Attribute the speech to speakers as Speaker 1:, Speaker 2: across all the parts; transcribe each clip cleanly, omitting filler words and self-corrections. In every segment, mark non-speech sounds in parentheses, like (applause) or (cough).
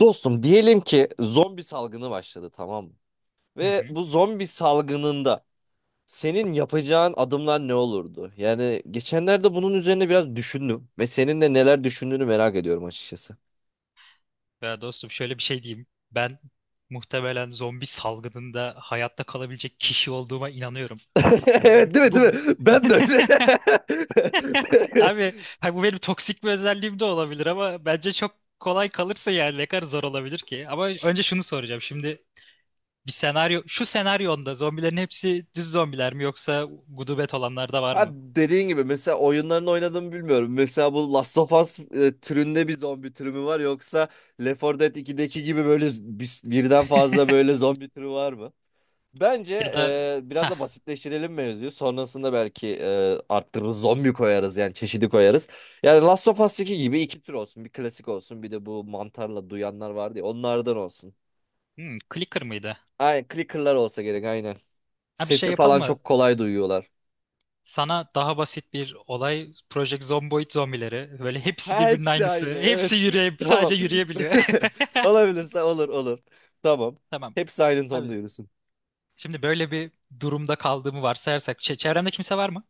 Speaker 1: Dostum, diyelim ki zombi salgını başladı, tamam mı?
Speaker 2: Hı hı.
Speaker 1: Ve bu zombi salgınında senin yapacağın adımlar ne olurdu? Yani geçenlerde bunun üzerine biraz düşündüm ve senin de neler düşündüğünü merak ediyorum açıkçası.
Speaker 2: Ya dostum şöyle bir şey diyeyim. Ben muhtemelen zombi salgınında hayatta kalabilecek kişi olduğuma inanıyorum.
Speaker 1: (laughs)
Speaker 2: Ya bu benim
Speaker 1: Evet, değil mi? Değil mi
Speaker 2: bu
Speaker 1: Ben de öyle. (laughs)
Speaker 2: abi ha bu benim toksik bir özelliğim de olabilir ama bence çok kolay kalırsa, yani ne kadar zor olabilir ki? Ama önce şunu soracağım. Şimdi bir senaryo şu senaryonda zombilerin hepsi düz zombiler mi, yoksa gudubet olanlar da var
Speaker 1: Ha,
Speaker 2: mı?
Speaker 1: dediğin gibi mesela oyunlarını oynadığımı bilmiyorum. Mesela bu Last of Us türünde bir zombi türü mü var, yoksa Left 4 Dead 2'deki gibi böyle birden fazla böyle zombi türü var mı? Bence
Speaker 2: Ya da
Speaker 1: biraz
Speaker 2: ha
Speaker 1: da basitleştirelim mevzuyu. Sonrasında belki arttırırız, zombi koyarız, yani çeşidi koyarız. Yani Last of Us 2 gibi iki tür olsun. Bir klasik olsun, bir de bu mantarla duyanlar vardı ya, onlardan olsun.
Speaker 2: Hmm, clicker mıydı?
Speaker 1: Aynen, clicker'lar olsa gerek, aynen.
Speaker 2: Ha, bir şey
Speaker 1: Sesi
Speaker 2: yapalım
Speaker 1: falan
Speaker 2: mı?
Speaker 1: çok kolay duyuyorlar.
Speaker 2: Sana daha basit bir olay: Project Zomboid zombileri. Böyle hepsi
Speaker 1: Ha,
Speaker 2: birbirinin
Speaker 1: hepsi
Speaker 2: aynısı.
Speaker 1: aynı,
Speaker 2: Hepsi
Speaker 1: evet. (laughs) Tamam.
Speaker 2: sadece yürüyebiliyor.
Speaker 1: (laughs)
Speaker 2: (laughs)
Speaker 1: Olabilirse olur olur. Tamam.
Speaker 2: Tamam.
Speaker 1: Hepsi aynı
Speaker 2: Abi
Speaker 1: tonda yürüsün.
Speaker 2: şimdi böyle bir durumda kaldığımı varsayarsak, çevremde kimse var mı?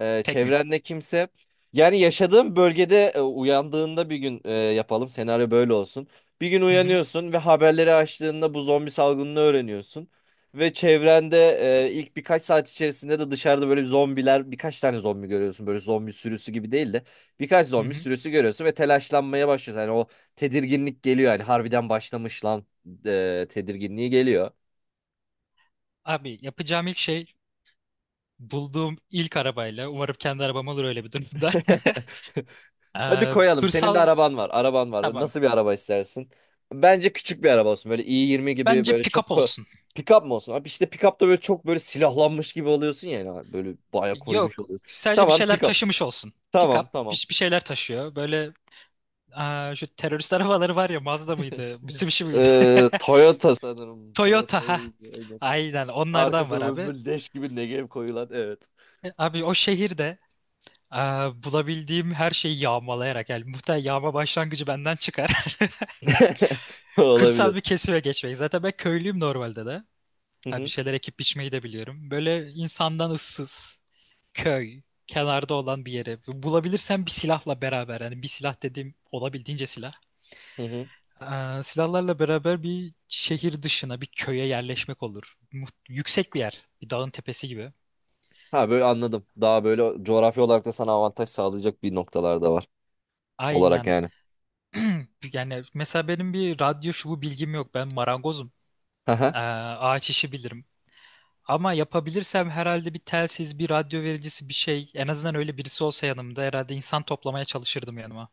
Speaker 2: Tek miyim?
Speaker 1: Çevrende kimse. Yani yaşadığın bölgede uyandığında bir gün yapalım. Senaryo böyle olsun. Bir gün
Speaker 2: Hı hı.
Speaker 1: uyanıyorsun ve haberleri açtığında bu zombi salgınını öğreniyorsun. Ve çevrende ilk birkaç saat içerisinde de dışarıda böyle zombiler, birkaç tane zombi görüyorsun. Böyle zombi sürüsü gibi değil de birkaç
Speaker 2: Hı
Speaker 1: zombi
Speaker 2: hı.
Speaker 1: sürüsü görüyorsun ve telaşlanmaya başlıyorsun. Yani o tedirginlik geliyor, yani harbiden başlamış lan tedirginliği geliyor.
Speaker 2: Abi yapacağım ilk şey, bulduğum ilk arabayla, umarım kendi arabam olur öyle bir durumda. (laughs)
Speaker 1: (laughs) Hadi koyalım. Senin de
Speaker 2: Hırsal
Speaker 1: araban var. Araban var.
Speaker 2: tamam.
Speaker 1: Nasıl bir araba istersin? Bence küçük bir araba olsun. Böyle i20 gibi
Speaker 2: Bence
Speaker 1: böyle çok
Speaker 2: pick-up olsun.
Speaker 1: pick-up mı olsun? Abi işte pick-up'ta böyle çok böyle silahlanmış gibi oluyorsun ya. Yani. Böyle baya koymuş
Speaker 2: Yok.
Speaker 1: oluyorsun.
Speaker 2: Sadece bir
Speaker 1: Tamam,
Speaker 2: şeyler
Speaker 1: pick-up.
Speaker 2: taşımış olsun. Pick-up
Speaker 1: Tamam, tamam.
Speaker 2: bir şeyler taşıyor. Böyle, aa, şu terörist arabaları var ya, Mazda mıydı, Mitsubishi miydi?
Speaker 1: Toyota
Speaker 2: (laughs)
Speaker 1: sanırım. Toyota,
Speaker 2: Toyota ha.
Speaker 1: aynen.
Speaker 2: Aynen onlardan var
Speaker 1: Arkasına böyle,
Speaker 2: abi.
Speaker 1: böyle leş gibi Negev koyulan. Evet.
Speaker 2: Abi o şehirde, aa, bulabildiğim her şeyi yağmalayarak, yani muhtemelen yağma başlangıcı benden çıkar. (laughs)
Speaker 1: (laughs) Olabilir.
Speaker 2: Kırsal bir kesime geçmek. Zaten ben köylüyüm normalde de.
Speaker 1: Hı
Speaker 2: Ha, bir
Speaker 1: hı,
Speaker 2: şeyler ekip biçmeyi de biliyorum. Böyle insandan ıssız, köy, kenarda olan bir yere. Bulabilirsem bir silahla beraber. Yani bir silah dediğim olabildiğince silah.
Speaker 1: hı hı.
Speaker 2: Silahlarla beraber bir şehir dışına, bir köye yerleşmek olur. Yüksek bir yer, bir dağın tepesi gibi.
Speaker 1: Ha, böyle anladım. Daha böyle coğrafi olarak da sana avantaj sağlayacak bir noktalar da var. Olarak
Speaker 2: Aynen.
Speaker 1: yani.
Speaker 2: (clears throat) Yani mesela benim bir radyo şubu bilgim yok. Ben marangozum.
Speaker 1: (laughs)
Speaker 2: Ağaç işi bilirim. Ama yapabilirsem herhalde bir telsiz, bir radyo vericisi bir şey. En azından öyle birisi olsa yanımda, herhalde insan toplamaya çalışırdım yanıma.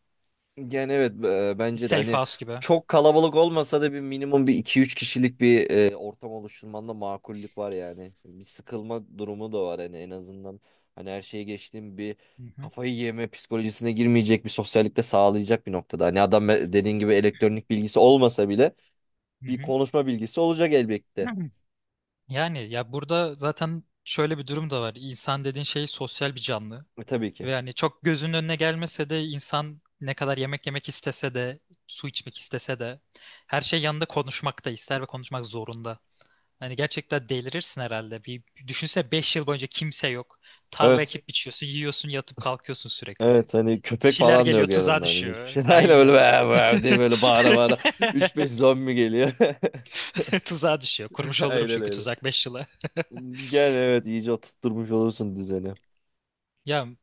Speaker 1: Yani evet,
Speaker 2: Bir
Speaker 1: bence de
Speaker 2: safe
Speaker 1: hani
Speaker 2: house gibi.
Speaker 1: çok kalabalık olmasa da bir minimum bir iki üç kişilik bir ortam oluşturmanda makullük var yani. Bir sıkılma durumu da var, hani en azından hani her şeye geçtiğim bir
Speaker 2: Hı hı.
Speaker 1: kafayı yeme psikolojisine girmeyecek bir sosyallik de sağlayacak bir noktada. Hani adam dediğin gibi elektronik bilgisi olmasa bile bir
Speaker 2: Hı
Speaker 1: konuşma bilgisi olacak elbette.
Speaker 2: hı. Yani ya burada zaten şöyle bir durum da var. İnsan dediğin şey sosyal bir canlı.
Speaker 1: Tabii ki.
Speaker 2: Ve yani çok gözünün önüne gelmese de, insan ne kadar yemek yemek istese de, su içmek istese de, her şey yanında konuşmak da ister ve konuşmak zorunda. Hani gerçekten delirirsin herhalde. Bir düşünse 5 yıl boyunca kimse yok. Tarla
Speaker 1: Evet.
Speaker 2: ekip biçiyorsun, yiyorsun, yatıp kalkıyorsun sürekli.
Speaker 1: Evet, hani
Speaker 2: Bir
Speaker 1: köpek
Speaker 2: şeyler
Speaker 1: falan da
Speaker 2: geliyor,
Speaker 1: yok
Speaker 2: tuzağa
Speaker 1: yanında, hani hiçbir
Speaker 2: düşüyor.
Speaker 1: şey. (laughs) Aynen öyle,
Speaker 2: Aynen.
Speaker 1: "Vah, vah" diye böyle bağıra
Speaker 2: (laughs)
Speaker 1: bağıra 3-5 zombi geliyor.
Speaker 2: Tuzağa düşüyor. Kurmuş
Speaker 1: (laughs)
Speaker 2: olurum
Speaker 1: Aynen
Speaker 2: çünkü
Speaker 1: öyle.
Speaker 2: tuzak 5 yıla.
Speaker 1: Gel, evet, iyice oturtmuş olursun düzeni.
Speaker 2: Ya mu-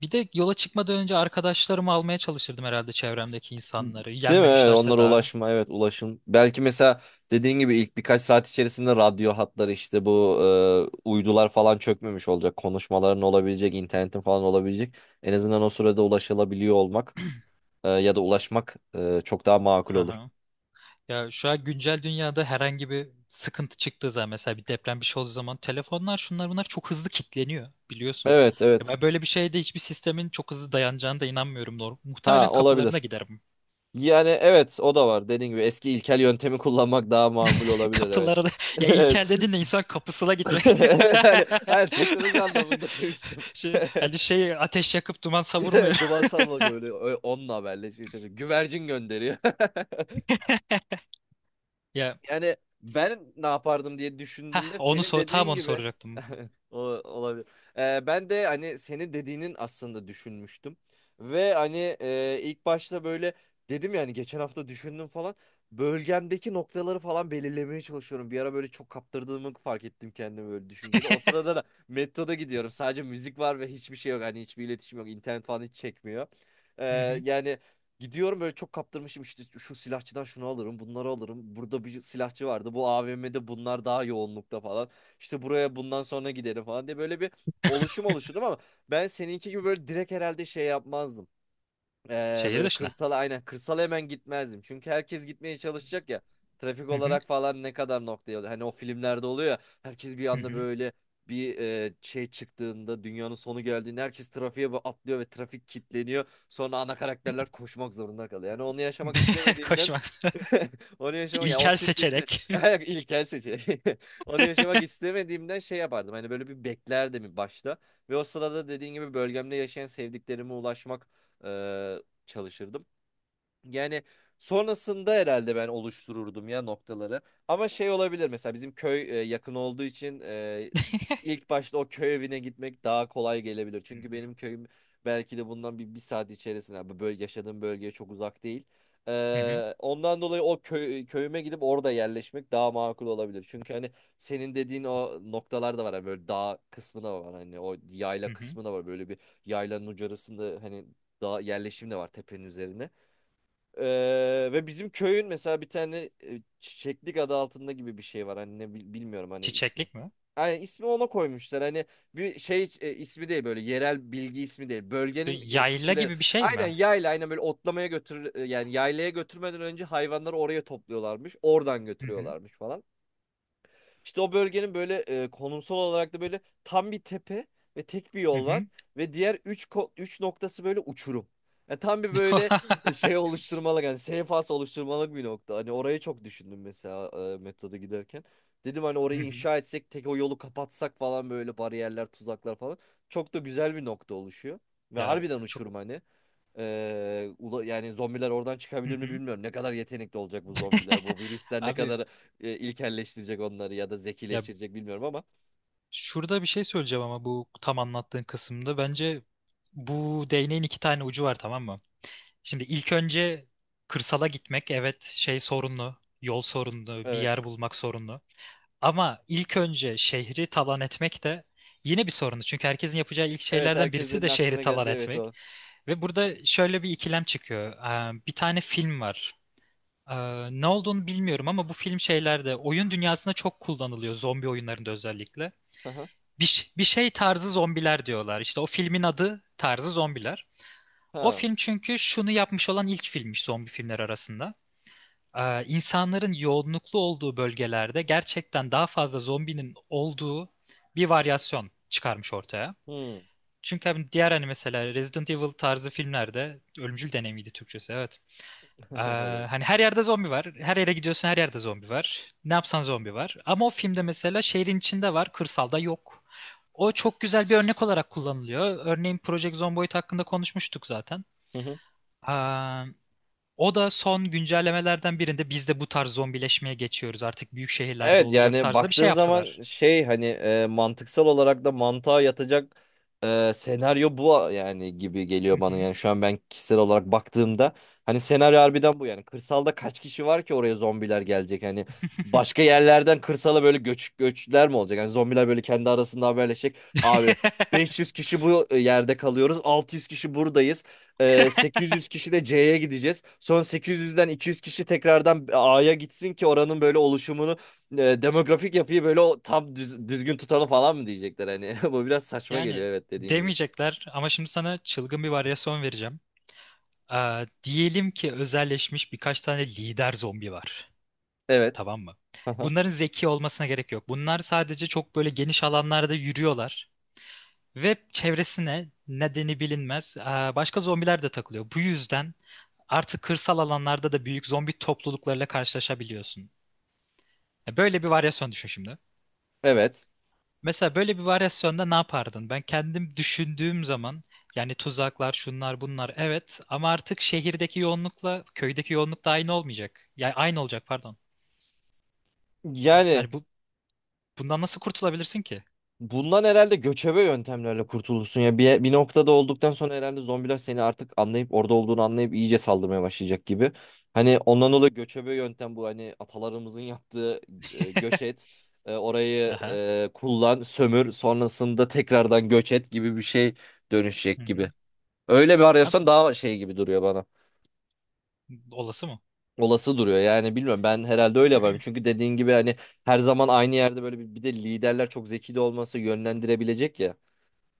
Speaker 2: bir de yola çıkmadan önce arkadaşlarımı almaya çalışırdım herhalde, çevremdeki insanları.
Speaker 1: Değil mi? Evet,
Speaker 2: Yenmemişlerse
Speaker 1: onlara
Speaker 2: daha.
Speaker 1: ulaşma, evet, ulaşım. Belki mesela dediğin gibi ilk birkaç saat içerisinde radyo hatları, işte bu uydular falan çökmemiş olacak. Konuşmaların olabilecek, internetin falan olabilecek. En azından o sürede ulaşılabiliyor olmak ya da ulaşmak çok daha makul
Speaker 2: Hı
Speaker 1: olur.
Speaker 2: hı. Ya şu an güncel dünyada herhangi bir sıkıntı çıktığı zaman, mesela bir deprem bir şey olduğu zaman, telefonlar şunlar bunlar çok hızlı kilitleniyor biliyorsun.
Speaker 1: Evet,
Speaker 2: Ya
Speaker 1: evet.
Speaker 2: ben böyle bir şeyde hiçbir sistemin çok hızlı dayanacağına da inanmıyorum. Muhtemelen
Speaker 1: Ha,
Speaker 2: kapılarına
Speaker 1: olabilir.
Speaker 2: giderim.
Speaker 1: Yani evet, o da var. Dediğin gibi eski ilkel yöntemi kullanmak daha makul
Speaker 2: (laughs)
Speaker 1: olabilir, evet.
Speaker 2: Kapılarına,
Speaker 1: (laughs)
Speaker 2: ya İlker
Speaker 1: Evet.
Speaker 2: dediğin de insan kapısına
Speaker 1: (laughs)
Speaker 2: gitmek.
Speaker 1: Evet, hani hayır, teknoloji
Speaker 2: (laughs)
Speaker 1: anlamında demiştim.
Speaker 2: Şey, hani şey ateş yakıp duman savurmuyor.
Speaker 1: (laughs) Duman
Speaker 2: (laughs)
Speaker 1: salmaca, öyle, öyle onunla haberleşiyor çocuk. Güvercin gönderiyor. (laughs)
Speaker 2: Ya
Speaker 1: Yani ben ne yapardım diye
Speaker 2: heh,
Speaker 1: düşündüğümde
Speaker 2: onu
Speaker 1: senin
Speaker 2: sor, tam
Speaker 1: dediğin
Speaker 2: onu
Speaker 1: gibi
Speaker 2: soracaktım.
Speaker 1: (laughs) o olabilir. Ben de hani senin dediğinin aslında düşünmüştüm. Ve hani ilk başta böyle dedim, yani geçen hafta düşündüm falan. Bölgemdeki noktaları falan belirlemeye çalışıyorum. Bir ara böyle çok kaptırdığımı fark ettim kendimi böyle düşüncede. O sırada da metroda gidiyorum. Sadece müzik var ve hiçbir şey yok. Hani hiçbir iletişim yok. İnternet falan hiç çekmiyor. Ee,
Speaker 2: Hı hı.
Speaker 1: yani gidiyorum böyle, çok kaptırmışım, işte şu silahçıdan şunu alırım, bunları alırım. Burada bir silahçı vardı. Bu AVM'de bunlar daha yoğunlukta falan. İşte buraya bundan sonra giderim falan diye böyle bir oluşum oluşturdum, ama ben seninki gibi böyle direkt herhalde şey yapmazdım.
Speaker 2: Şehir
Speaker 1: Böyle
Speaker 2: dışına.
Speaker 1: kırsala, aynen kırsala hemen gitmezdim. Çünkü herkes gitmeye çalışacak ya. Trafik
Speaker 2: Hı hı.
Speaker 1: olarak falan ne kadar noktaya oluyor. Hani o filmlerde oluyor ya, herkes bir
Speaker 2: Hı
Speaker 1: anda
Speaker 2: hı.
Speaker 1: böyle bir şey çıktığında, dünyanın sonu geldiğinde herkes trafiğe atlıyor ve trafik kilitleniyor. Sonra ana karakterler koşmak zorunda kalıyor. Yani onu yaşamak
Speaker 2: (laughs)
Speaker 1: istemediğimden
Speaker 2: Koşmak. (laughs)
Speaker 1: (laughs) onu yaşamak, ya, o
Speaker 2: İlkel
Speaker 1: stresi,
Speaker 2: seçerek.
Speaker 1: (laughs) ilkel seçenek. (laughs) Onu yaşamak istemediğimden şey yapardım. Hani böyle bir beklerdim başta ve o sırada dediğin gibi bölgemde yaşayan sevdiklerime ulaşmak çalışırdım. Yani sonrasında herhalde ben oluştururdum ya noktaları. Ama şey olabilir, mesela bizim köy yakın olduğu için ilk başta o köy evine gitmek daha kolay gelebilir. Çünkü benim köyüm belki de bundan bir saat içerisinde, bu bölge, yaşadığım bölgeye çok uzak değil.
Speaker 2: Hı hı.
Speaker 1: Ondan dolayı o köyüme gidip orada yerleşmek daha makul olabilir. Çünkü hani senin dediğin o noktalar da var. Hani böyle dağ kısmı da var. Hani o yayla
Speaker 2: Hı hı.
Speaker 1: kısmı da var. Böyle bir yaylanın ucurasında, hani dağ yerleşim de var tepenin üzerine. Ve bizim köyün mesela bir tane Çiçeklik adı altında gibi bir şey var. Hani bilmiyorum hani ismi.
Speaker 2: Çiçeklik mi?
Speaker 1: Yani ismi ona koymuşlar. Hani bir şey ismi değil, böyle yerel bilgi ismi değil.
Speaker 2: Bir
Speaker 1: Bölgenin
Speaker 2: yayla
Speaker 1: kişileri
Speaker 2: gibi bir şey
Speaker 1: aynen
Speaker 2: mi?
Speaker 1: yayla, aynen böyle otlamaya yani yaylaya götürmeden önce hayvanları oraya topluyorlarmış. Oradan
Speaker 2: Hı hı.
Speaker 1: götürüyorlarmış falan. İşte o bölgenin böyle konumsal olarak da böyle tam bir tepe ve tek bir
Speaker 2: Hı
Speaker 1: yol var
Speaker 2: hı.
Speaker 1: ve diğer üç noktası böyle uçurum. Yani tam bir böyle
Speaker 2: (laughs)
Speaker 1: şey oluşturmalık, yani seyfas oluşturmalık bir nokta. Hani orayı çok düşündüm mesela metroda giderken. Dedim hani
Speaker 2: Hı
Speaker 1: orayı
Speaker 2: hı.
Speaker 1: inşa etsek, tek o yolu kapatsak falan, böyle bariyerler, tuzaklar falan. Çok da güzel bir nokta oluşuyor. Ve
Speaker 2: Ya
Speaker 1: harbiden
Speaker 2: çok.
Speaker 1: uçurum hani. Yani zombiler oradan
Speaker 2: Hı
Speaker 1: çıkabilir mi
Speaker 2: hı.
Speaker 1: bilmiyorum. Ne kadar yetenekli olacak bu zombiler.
Speaker 2: (laughs)
Speaker 1: Bu virüsler ne kadar
Speaker 2: Abi
Speaker 1: ilkelleştirecek onları ya da
Speaker 2: ya,
Speaker 1: zekileştirecek bilmiyorum ama.
Speaker 2: şurada bir şey söyleyeceğim ama, bu tam anlattığın kısımda bence bu değneğin iki tane ucu var, tamam mı? Şimdi ilk önce kırsala gitmek, evet, şey, sorunlu. Yol sorunlu, bir
Speaker 1: Evet.
Speaker 2: yer bulmak sorunlu. Ama ilk önce şehri talan etmek de yine bir sorunu. Çünkü herkesin yapacağı ilk
Speaker 1: Evet,
Speaker 2: şeylerden birisi
Speaker 1: herkesin
Speaker 2: de şehri
Speaker 1: aklına
Speaker 2: talan
Speaker 1: geleceği, evet,
Speaker 2: etmek.
Speaker 1: o.
Speaker 2: Ve burada şöyle bir ikilem çıkıyor. Bir tane film var. Ne olduğunu bilmiyorum ama bu film şeylerde, oyun dünyasında çok kullanılıyor. Zombi oyunlarında özellikle.
Speaker 1: Aha.
Speaker 2: Bir şey tarzı zombiler diyorlar. İşte o filmin adı tarzı zombiler. O
Speaker 1: Ha.
Speaker 2: film çünkü şunu yapmış, olan ilk filmmiş zombi filmler arasında: insanların yoğunluklu olduğu bölgelerde gerçekten daha fazla zombinin olduğu bir varyasyon çıkarmış ortaya.
Speaker 1: Hmm.
Speaker 2: Çünkü hani diğer hani mesela Resident Evil tarzı filmlerde, ölümcül deneyimiydi Türkçesi evet. E,
Speaker 1: (laughs) Olabilir.
Speaker 2: Hani her yerde zombi var. Her yere gidiyorsun her yerde zombi var. Ne yapsan zombi var. Ama o filmde mesela şehrin içinde var, kırsalda yok. O çok güzel bir örnek olarak kullanılıyor. Örneğin Project Zomboid hakkında konuşmuştuk
Speaker 1: (laughs)
Speaker 2: zaten. O da son güncellemelerden birinde, biz de bu tarz zombileşmeye geçiyoruz artık, büyük şehirlerde
Speaker 1: Evet
Speaker 2: olacak
Speaker 1: yani,
Speaker 2: tarzında bir
Speaker 1: baktığın
Speaker 2: şey
Speaker 1: zaman
Speaker 2: yaptılar.
Speaker 1: şey hani mantıksal olarak da mantığa yatacak senaryo bu yani gibi
Speaker 2: Hı
Speaker 1: geliyor bana,
Speaker 2: hı.
Speaker 1: yani şu an ben kişisel olarak baktığımda, hani senaryo harbiden bu. Yani kırsalda kaç kişi var ki oraya zombiler gelecek, hani başka yerlerden kırsala böyle göçler mi olacak, yani zombiler böyle kendi arasında haberleşecek, abi,
Speaker 2: (laughs)
Speaker 1: 500 kişi bu yerde kalıyoruz, 600 kişi buradayız, 800 kişi de C'ye gideceğiz. Sonra 800'den 200 kişi tekrardan A'ya gitsin ki oranın böyle oluşumunu, demografik yapıyı böyle o tam düzgün tutalım falan mı diyecekler hani. (laughs) Bu biraz saçma geliyor,
Speaker 2: Yani
Speaker 1: evet, dediğin gibi.
Speaker 2: demeyecekler, ama şimdi sana çılgın bir varyasyon vereceğim. Diyelim ki özelleşmiş birkaç tane lider zombi var.
Speaker 1: Evet.
Speaker 2: Tamam mı?
Speaker 1: Aha.
Speaker 2: Bunların zeki olmasına gerek yok. Bunlar sadece çok böyle geniş alanlarda yürüyorlar ve çevresine nedeni bilinmez başka zombiler de takılıyor. Bu yüzden artık kırsal alanlarda da büyük zombi topluluklarıyla karşılaşabiliyorsun. Ya böyle bir varyasyon düşün şimdi.
Speaker 1: Evet.
Speaker 2: Mesela böyle bir varyasyonda ne yapardın? Ben kendim düşündüğüm zaman, yani tuzaklar, şunlar, bunlar evet, ama artık şehirdeki yoğunlukla köydeki yoğunluk da aynı olmayacak. Yani aynı olacak, pardon.
Speaker 1: Yani
Speaker 2: Yani bu, bundan nasıl kurtulabilirsin ki?
Speaker 1: bundan herhalde göçebe yöntemlerle kurtulursun ya. Bir noktada olduktan sonra herhalde zombiler seni artık anlayıp orada olduğunu anlayıp iyice saldırmaya başlayacak gibi. Hani ondan dolayı göçebe yöntem bu, hani atalarımızın yaptığı göç
Speaker 2: (laughs)
Speaker 1: et. Orayı
Speaker 2: Aha.
Speaker 1: kullan, sömür, sonrasında tekrardan göç et gibi bir şey dönüşecek
Speaker 2: Hı
Speaker 1: gibi.
Speaker 2: hı.
Speaker 1: Öyle bir
Speaker 2: Ha,
Speaker 1: arıyorsan daha şey gibi duruyor bana.
Speaker 2: olası mı?
Speaker 1: Olası duruyor yani, bilmiyorum, ben herhalde öyle yaparım çünkü dediğin gibi hani her zaman aynı yerde böyle bir de liderler çok zeki de olması yönlendirebilecek ya.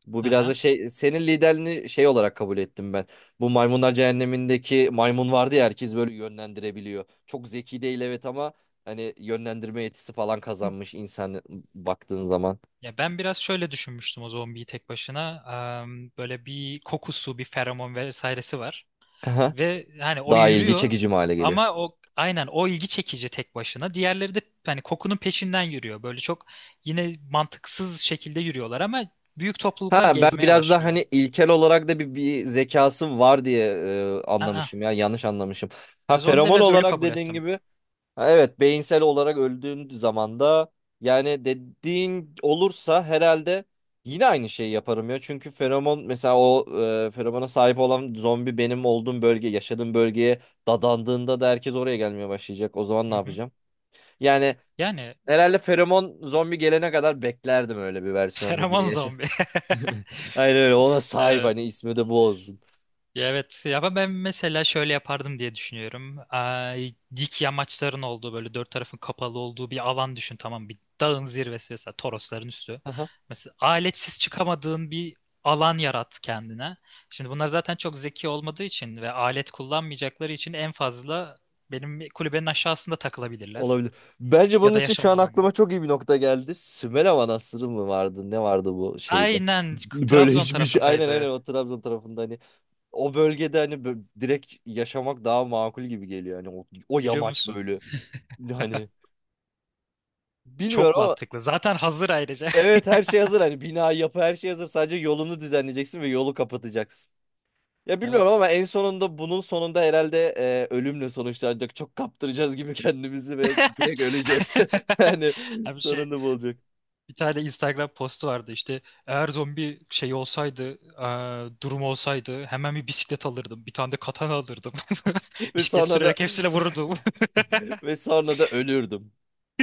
Speaker 1: Bu biraz da
Speaker 2: Aha.
Speaker 1: şey, senin liderliğini şey olarak kabul ettim ben. Bu Maymunlar Cehennemi'ndeki maymun vardı ya, herkes böyle yönlendirebiliyor. Çok zeki değil evet, ama hani yönlendirme yetisi falan
Speaker 2: Hı.
Speaker 1: kazanmış insan baktığın zaman.
Speaker 2: Ya ben biraz şöyle düşünmüştüm o zombiyi, tek başına. Am, böyle bir kokusu, bir feromon vesairesi var.
Speaker 1: Aha.
Speaker 2: Ve hani o
Speaker 1: Daha ilgi
Speaker 2: yürüyor
Speaker 1: çekici mi hale geliyor.
Speaker 2: ama o, aynen, o ilgi çekici tek başına. Diğerleri de hani kokunun peşinden yürüyor. Böyle çok yine mantıksız şekilde yürüyorlar ama büyük
Speaker 1: Ha,
Speaker 2: topluluklar
Speaker 1: ben
Speaker 2: gezmeye
Speaker 1: biraz daha
Speaker 2: başlıyor.
Speaker 1: hani ilkel olarak da bir zekası var diye
Speaker 2: Aa,
Speaker 1: anlamışım, ya yanlış anlamışım. Ha,
Speaker 2: ya zombileri
Speaker 1: feromon
Speaker 2: biraz ölü
Speaker 1: olarak
Speaker 2: kabul
Speaker 1: dediğin
Speaker 2: ettim.
Speaker 1: gibi, ha, evet, beyinsel olarak öldüğün zaman da yani dediğin olursa herhalde yine aynı şeyi yaparım ya. Çünkü feromon mesela o feromona sahip olan zombi benim olduğum yaşadığım bölgeye dadandığında da herkes oraya gelmeye başlayacak. O zaman
Speaker 2: Hı
Speaker 1: ne
Speaker 2: hı.
Speaker 1: yapacağım? Yani
Speaker 2: Yani
Speaker 1: herhalde feromon zombi gelene kadar beklerdim öyle bir
Speaker 2: (laughs)
Speaker 1: versiyonda yine.
Speaker 2: feromon zombi. (laughs)
Speaker 1: (laughs) Aynen öyle, ona sahip,
Speaker 2: Evet.
Speaker 1: hani ismi de bu olsun.
Speaker 2: Ya evet, ama ben mesela şöyle yapardım diye düşünüyorum. Ay, dik yamaçların olduğu, böyle dört tarafın kapalı olduğu bir alan düşün, tamam, bir dağın zirvesi, mesela Torosların üstü.
Speaker 1: Aha,
Speaker 2: Mesela aletsiz çıkamadığın bir alan yarat kendine. Şimdi bunlar zaten çok zeki olmadığı için ve alet kullanmayacakları için en fazla benim kulübenin aşağısında takılabilirler.
Speaker 1: olabilir. Bence bunun
Speaker 2: Ya da
Speaker 1: için şu
Speaker 2: yaşam
Speaker 1: an aklıma
Speaker 2: alanım.
Speaker 1: çok iyi bir nokta geldi. Sümela Manastırı mı vardı? Ne vardı bu şeyde? (laughs)
Speaker 2: Aynen,
Speaker 1: Böyle
Speaker 2: Trabzon
Speaker 1: hiçbir şey. Aynen, aynen,
Speaker 2: tarafındaydı
Speaker 1: o Trabzon tarafında hani o bölgede hani direkt yaşamak daha makul gibi geliyor. Hani o
Speaker 2: biliyor
Speaker 1: yamaç
Speaker 2: musun?
Speaker 1: böyle, hani bilmiyorum
Speaker 2: Çok
Speaker 1: ama
Speaker 2: mantıklı. Zaten hazır ayrıca.
Speaker 1: evet, her şey hazır, hani bina, yapı, her şey hazır, sadece yolunu düzenleyeceksin ve yolu kapatacaksın. Ya
Speaker 2: (laughs)
Speaker 1: bilmiyorum
Speaker 2: Evet.
Speaker 1: ama en sonunda, bunun sonunda herhalde ölümle sonuçlanacak. Çok kaptıracağız gibi (laughs) kendimizi ve direkt öleceğiz. (laughs)
Speaker 2: (laughs)
Speaker 1: Yani
Speaker 2: Abi şey,
Speaker 1: sonunda bu olacak.
Speaker 2: bir tane Instagram postu vardı işte, eğer zombi şey olsaydı, durum olsaydı hemen bir bisiklet alırdım, bir tane de katana alırdım, (laughs)
Speaker 1: Ve
Speaker 2: bisiklet
Speaker 1: sonra da
Speaker 2: sürerek hepsine vururdum
Speaker 1: (laughs) ve sonra da ölürdüm.